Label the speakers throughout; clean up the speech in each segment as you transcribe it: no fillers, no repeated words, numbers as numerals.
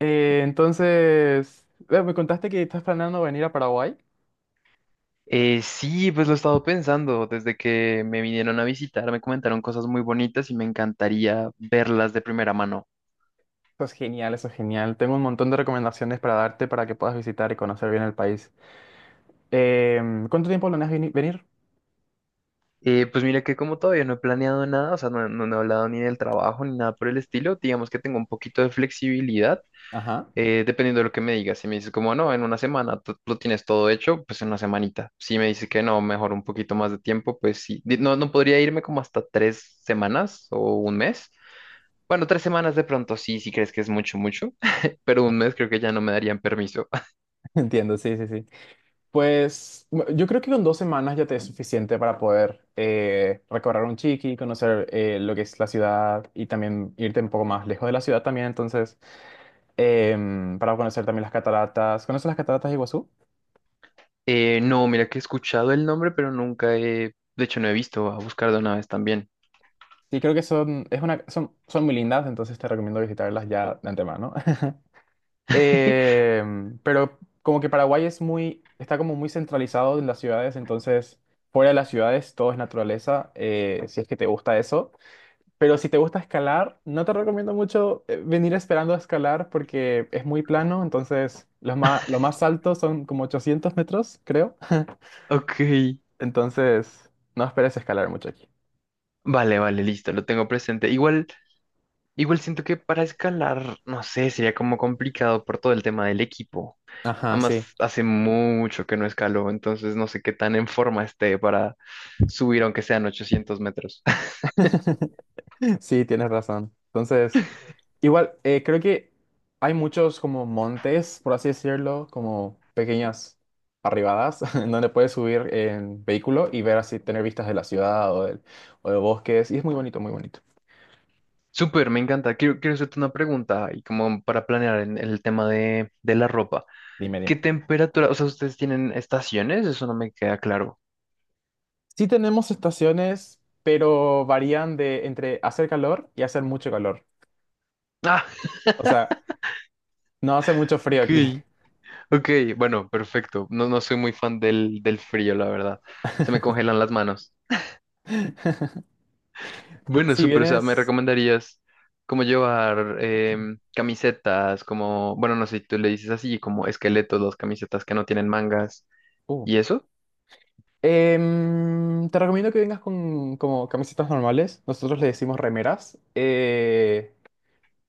Speaker 1: Entonces, me contaste que estás planeando venir a Paraguay.
Speaker 2: Sí, pues lo he estado pensando. Desde que me vinieron a visitar, me comentaron cosas muy bonitas y me encantaría verlas de primera mano.
Speaker 1: Eso es genial, eso es genial. Tengo un montón de recomendaciones para darte para que puedas visitar y conocer bien el país. ¿Cuánto tiempo planeas venir?
Speaker 2: Pues mira que como todavía no he planeado nada, o sea, no, no he hablado ni del trabajo ni nada por el estilo, digamos que tengo un poquito de flexibilidad,
Speaker 1: Ajá.
Speaker 2: dependiendo de lo que me digas. Si me dices como, no, en una semana tú lo tienes todo hecho, pues en una semanita. Si me dices que no, mejor un poquito más de tiempo, pues sí. No, no podría irme como hasta 3 semanas o un mes. Bueno, tres semanas de pronto sí, si crees que es mucho, mucho, pero un mes creo que ya no me darían permiso.
Speaker 1: Entiendo, sí, sí, sí. Pues yo creo que con 2 semanas ya te es suficiente para poder recorrer un chiqui, conocer lo que es la ciudad y también irte un poco más lejos de la ciudad también. Entonces, para conocer también las cataratas. ¿Conoces las cataratas de Iguazú?
Speaker 2: No, mira que he escuchado el nombre, pero nunca he, de hecho no he visto, a buscar de una vez también.
Speaker 1: Sí, creo que son, es una, son muy lindas, entonces te recomiendo visitarlas ya de antemano. Eh, pero como que Paraguay es muy, está como muy centralizado en las ciudades, entonces fuera de las ciudades todo es naturaleza, si es que te gusta eso. Pero si te gusta escalar, no te recomiendo mucho venir esperando a escalar porque es muy plano, entonces lo más altos son como 800 metros, creo.
Speaker 2: Ok,
Speaker 1: Entonces no esperes escalar mucho aquí.
Speaker 2: vale, vale, listo, lo tengo presente. Igual, siento que para escalar, no sé, sería como complicado por todo el tema del equipo.
Speaker 1: Ajá, sí.
Speaker 2: Además, hace mucho que no escaló, entonces no sé qué tan en forma esté para subir aunque sean 800 metros.
Speaker 1: Sí, tienes razón. Entonces, igual, creo que hay muchos como montes, por así decirlo, como pequeñas arribadas, en donde puedes subir en vehículo y ver así, tener vistas de la ciudad o o de bosques. Y es muy bonito, muy bonito.
Speaker 2: Súper, me encanta. Quiero hacerte una pregunta y como para planear el tema de la ropa.
Speaker 1: Dime, dime.
Speaker 2: ¿Qué temperatura? O sea, ¿ustedes tienen estaciones? Eso no me queda claro.
Speaker 1: Sí tenemos estaciones, pero varían de entre hacer calor y hacer mucho calor.
Speaker 2: Ah,
Speaker 1: O sea, no hace mucho frío aquí.
Speaker 2: ok. Ok, bueno, perfecto. No, no soy muy fan del frío, la verdad. Se me congelan las manos. Bueno,
Speaker 1: Si
Speaker 2: súper. O sea, ¿me
Speaker 1: vienes.
Speaker 2: recomendarías como llevar camisetas, como, bueno, no sé si tú le dices así, como esqueletos, las camisetas que no tienen mangas
Speaker 1: Uh,
Speaker 2: y eso?
Speaker 1: Te recomiendo que vengas con como camisetas normales. Nosotros le decimos remeras.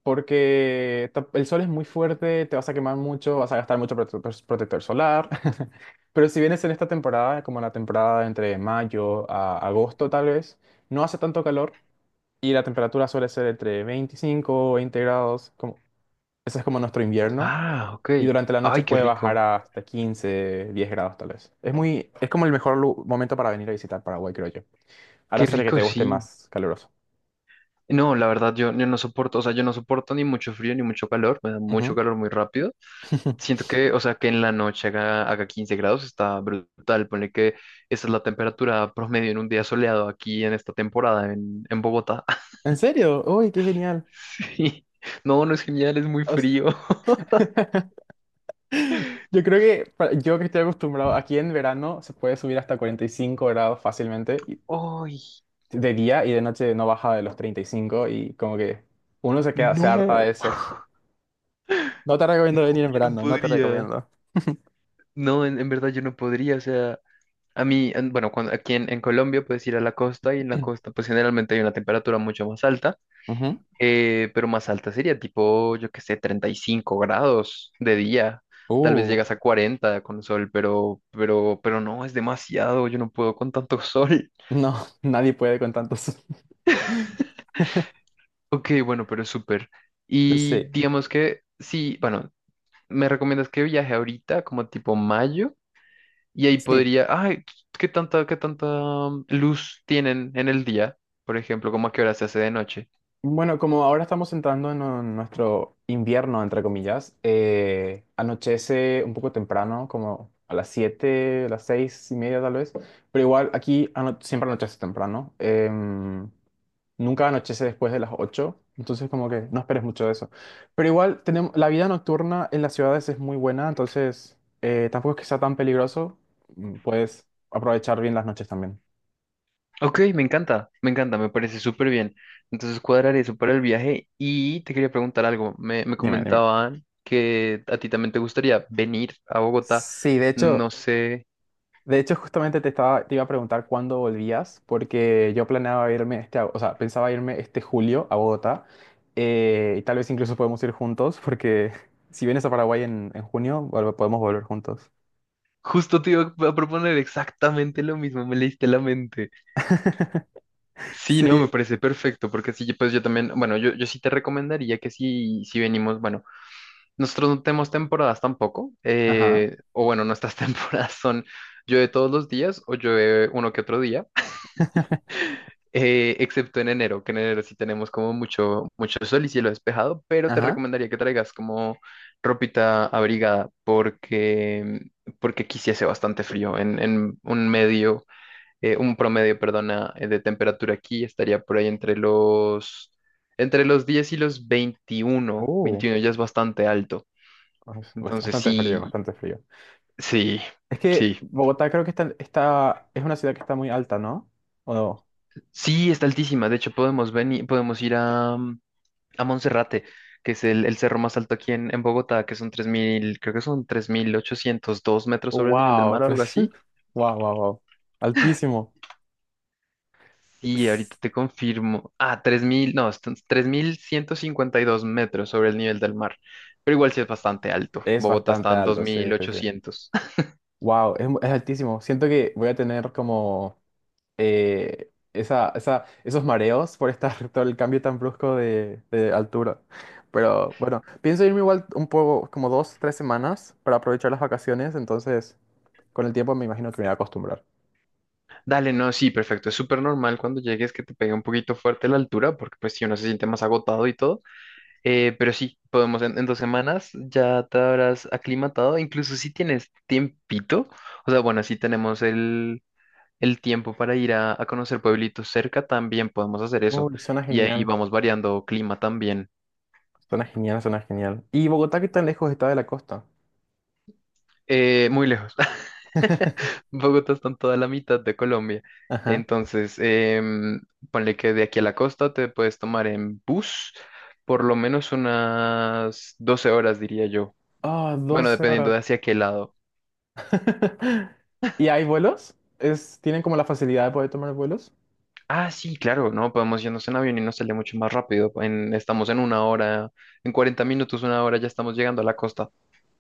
Speaker 1: Porque el sol es muy fuerte, te vas a quemar mucho, vas a gastar mucho protector solar. Pero si vienes en esta temporada, como la temporada entre mayo a agosto tal vez, no hace tanto calor y la temperatura suele ser entre 25 o 20 grados. Como, ese es como nuestro invierno.
Speaker 2: Ah, ok.
Speaker 1: Y durante la noche
Speaker 2: Ay, qué
Speaker 1: puede bajar
Speaker 2: rico.
Speaker 1: hasta 15, 10 grados tal vez. Es muy, es como el mejor momento para venir a visitar Paraguay, creo yo. A no
Speaker 2: Qué
Speaker 1: ser que
Speaker 2: rico,
Speaker 1: te guste
Speaker 2: sí.
Speaker 1: más caluroso.
Speaker 2: No, la verdad, yo no soporto, o sea, yo no soporto ni mucho frío ni mucho calor, me da mucho
Speaker 1: Ujú.
Speaker 2: calor muy rápido. Siento que, o sea, que en la noche haga 15 grados está brutal. Ponle que esa es la temperatura promedio en un día soleado aquí en, esta temporada en Bogotá.
Speaker 1: ¿En serio? ¡Uy, qué genial!
Speaker 2: Sí. No, no es genial, es muy
Speaker 1: O sea,
Speaker 2: frío.
Speaker 1: yo creo que yo que estoy acostumbrado, aquí en verano se puede subir hasta 45 grados fácilmente
Speaker 2: ¡Ay!
Speaker 1: de día y de noche no baja de los 35 y cinco y como que uno se queda, se harta de
Speaker 2: No,
Speaker 1: eso. No te recomiendo venir en
Speaker 2: yo no
Speaker 1: verano, no te
Speaker 2: podría.
Speaker 1: recomiendo.
Speaker 2: No, en verdad yo no podría, o sea, a mí, bueno, cuando, aquí en Colombia puedes ir a la costa y en la costa pues generalmente hay una temperatura mucho más alta.
Speaker 1: Ujú.
Speaker 2: Pero más alta sería tipo, yo qué sé, 35 grados de día. Tal vez
Speaker 1: Uh,
Speaker 2: llegas a 40 con sol, pero no, es demasiado. Yo no puedo con tanto sol.
Speaker 1: No, nadie puede con tantos.
Speaker 2: Ok, bueno, pero es súper. Y
Speaker 1: Sí,
Speaker 2: digamos que sí, bueno, me recomiendas que viaje ahorita, como tipo mayo, y ahí
Speaker 1: sí.
Speaker 2: podría, ay, ¿qué tanta luz tienen en el día? Por ejemplo, ¿cómo a qué hora se hace de noche?
Speaker 1: Bueno, como ahora estamos entrando en nuestro invierno, entre comillas, anochece un poco temprano, como a las 7, a las 6:30 tal vez, pero igual aquí siempre anochece temprano. Nunca anochece después de las 8, entonces como que no esperes mucho de eso. Pero igual tenemos, la vida nocturna en las ciudades es muy buena, entonces tampoco es que sea tan peligroso, puedes aprovechar bien las noches también.
Speaker 2: Ok, me encanta, me encanta, me parece súper bien. Entonces cuadraré eso para el viaje y te quería preguntar algo. Me
Speaker 1: Dime, dime.
Speaker 2: comentaban que a ti también te gustaría venir a Bogotá.
Speaker 1: Sí, de hecho,
Speaker 2: No sé,
Speaker 1: justamente te iba a preguntar cuándo volvías, porque yo planeaba irme o sea, pensaba irme este julio a Bogotá, y tal vez incluso podemos ir juntos, porque si vienes a Paraguay en junio, podemos volver juntos.
Speaker 2: justo te iba a proponer exactamente lo mismo, me leíste la mente. Sí, no, me
Speaker 1: Sí,
Speaker 2: parece perfecto, porque sí, pues yo también, bueno, yo sí te recomendaría que si venimos, bueno, nosotros no tenemos temporadas tampoco,
Speaker 1: ajá,
Speaker 2: o bueno, nuestras temporadas son llueve todos los días o llueve uno que otro día. Excepto en enero, que en enero sí tenemos como mucho, mucho sol y cielo despejado, pero te
Speaker 1: ajá.
Speaker 2: recomendaría que traigas como ropita abrigada porque aquí sí hace bastante frío. En un medio, un promedio, perdona, de temperatura aquí estaría por ahí entre los 10 y los veintiuno,
Speaker 1: Uh,
Speaker 2: 21 ya es bastante alto.
Speaker 1: pues,
Speaker 2: Entonces
Speaker 1: bastante frío,
Speaker 2: sí,
Speaker 1: bastante frío.
Speaker 2: sí,
Speaker 1: Es que
Speaker 2: sí.
Speaker 1: Bogotá creo que es una ciudad que está muy alta, ¿no? ¿O no?
Speaker 2: Sí, está altísima. De hecho, podemos venir, podemos ir a, Monserrate, que es el cerro más alto aquí en Bogotá, que son 3.000 creo que son 3.802 metros sobre el nivel del
Speaker 1: Wow,
Speaker 2: mar o algo así.
Speaker 1: wow, wow, wow. Altísimo.
Speaker 2: Y ahorita
Speaker 1: S-
Speaker 2: te confirmo, ah, 3.000 no, están 3.152 metros sobre el nivel del mar. Pero igual sí es bastante alto.
Speaker 1: Es
Speaker 2: Bogotá está
Speaker 1: bastante
Speaker 2: en dos
Speaker 1: alto, sí,
Speaker 2: mil
Speaker 1: sí, sí.
Speaker 2: ochocientos
Speaker 1: Wow, es altísimo. Siento que voy a tener como esos mareos por estar todo el cambio tan brusco de altura. Pero bueno, pienso irme igual un poco, como 2 o 3 semanas para aprovechar las vacaciones, entonces con el tiempo me imagino que me voy a acostumbrar.
Speaker 2: Dale, no, sí, perfecto. Es súper normal cuando llegues que te pegue un poquito fuerte la altura, porque pues si uno se siente más agotado y todo. Pero sí, podemos en 2 semanas ya te habrás aclimatado, incluso si tienes tiempito, o sea, bueno, si tenemos el tiempo para ir a conocer pueblitos cerca, también podemos hacer eso.
Speaker 1: Uy, suena
Speaker 2: Y ahí
Speaker 1: genial.
Speaker 2: vamos variando clima también.
Speaker 1: Suena genial, suena genial. ¿Y Bogotá qué tan lejos está de la costa?
Speaker 2: Muy lejos. Bogotá está en toda la mitad de Colombia.
Speaker 1: Ajá.
Speaker 2: Entonces, ponle que de aquí a la costa te puedes tomar en bus por lo menos unas 12 horas, diría yo.
Speaker 1: Ah,
Speaker 2: Bueno,
Speaker 1: 12
Speaker 2: dependiendo
Speaker 1: horas.
Speaker 2: de hacia qué lado.
Speaker 1: ¿Y hay vuelos? Tienen como la facilidad de poder tomar vuelos?
Speaker 2: Ah, sí, claro, no, podemos irnos en avión y nos sale mucho más rápido. Estamos en una hora, en 40 minutos, una hora, ya estamos llegando a la costa.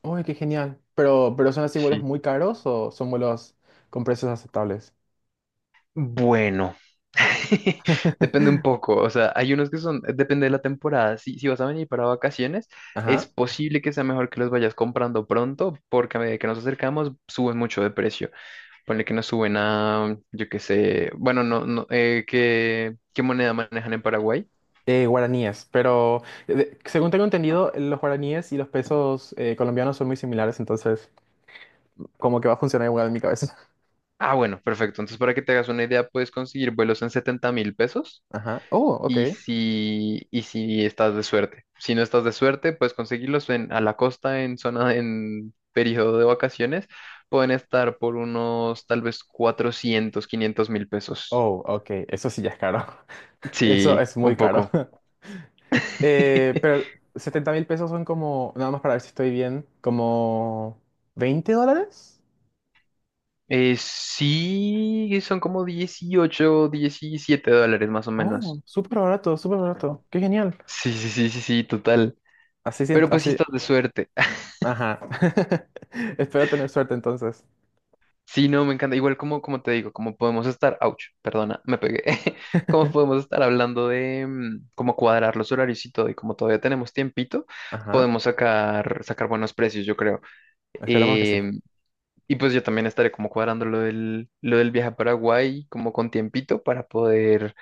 Speaker 1: Uy, qué genial. Pero ¿son así vuelos
Speaker 2: Sí.
Speaker 1: muy caros o son vuelos con precios aceptables?
Speaker 2: Bueno, depende un poco, o sea, hay unos que son, depende de la temporada. Si vas a venir para vacaciones, es
Speaker 1: Ajá.
Speaker 2: posible que sea mejor que los vayas comprando pronto, porque a medida que nos acercamos, suben mucho de precio. Ponle que nos suben a, yo qué sé, bueno, no, no, ¿qué moneda manejan en Paraguay?
Speaker 1: Guaraníes, pero según tengo entendido, los guaraníes y los pesos colombianos son muy similares, entonces como que va a funcionar igual en mi cabeza.
Speaker 2: Ah, bueno, perfecto. Entonces, para que te hagas una idea, puedes conseguir vuelos en 70.000 pesos
Speaker 1: Ajá. Oh, ok.
Speaker 2: y si estás de suerte. Si no estás de suerte, puedes conseguirlos en, a la costa, en zona, en periodo de vacaciones. Pueden estar por unos tal vez 400 500 mil pesos.
Speaker 1: Oh, ok. Eso sí ya es caro. Eso
Speaker 2: Sí,
Speaker 1: es
Speaker 2: un
Speaker 1: muy caro.
Speaker 2: poco.
Speaker 1: Pero $70.000 son como, nada más para ver si estoy bien, como US$20.
Speaker 2: Sí, son como 18, 17 dólares más o
Speaker 1: Oh,
Speaker 2: menos.
Speaker 1: súper barato, súper barato. Qué genial.
Speaker 2: Sí, sí, sí, sí, sí, total.
Speaker 1: Así,
Speaker 2: Pero pues si
Speaker 1: así,
Speaker 2: estás de suerte.
Speaker 1: ajá. Espero tener suerte entonces.
Speaker 2: Sí, no, me encanta. Igual como te digo, como podemos estar, ouch, perdona, me pegué, como podemos estar hablando de cómo cuadrar los horarios y todo, y como todavía tenemos tiempito,
Speaker 1: Ajá,
Speaker 2: podemos sacar buenos precios, yo creo.
Speaker 1: esperamos que sí.
Speaker 2: Eh, y pues yo también estaré como cuadrando lo del viaje a Paraguay, como con tiempito, para poder,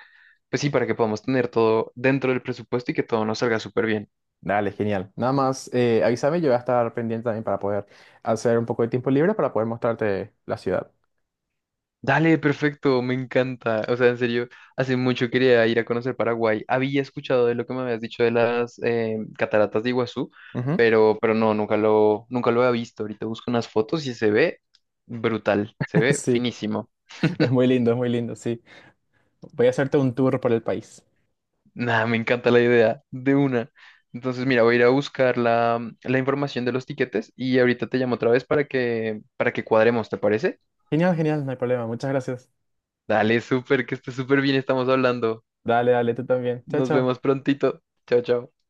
Speaker 2: pues sí, para que podamos tener todo dentro del presupuesto y que todo nos salga súper bien.
Speaker 1: Dale, genial. Nada más, avísame, yo voy a estar pendiente también para poder hacer un poco de tiempo libre para poder mostrarte la ciudad.
Speaker 2: Dale, perfecto, me encanta. O sea, en serio, hace mucho quería ir a conocer Paraguay. Había escuchado de lo que me habías dicho de las cataratas de Iguazú,
Speaker 1: Ujú.
Speaker 2: pero no, nunca lo había visto. Ahorita busco unas fotos y se ve brutal, se ve
Speaker 1: Sí,
Speaker 2: finísimo.
Speaker 1: es muy lindo, sí. Voy a hacerte un tour por el país.
Speaker 2: Nada, me encanta la idea de una. Entonces, mira, voy a ir a buscar la información de los tiquetes y ahorita te llamo otra vez para que cuadremos, ¿te parece?
Speaker 1: Genial, genial, no hay problema. Muchas gracias.
Speaker 2: Dale, súper, que esté súper bien, estamos hablando.
Speaker 1: Dale, dale, tú también. Chao,
Speaker 2: Nos
Speaker 1: chao.
Speaker 2: vemos prontito. Chao, chao.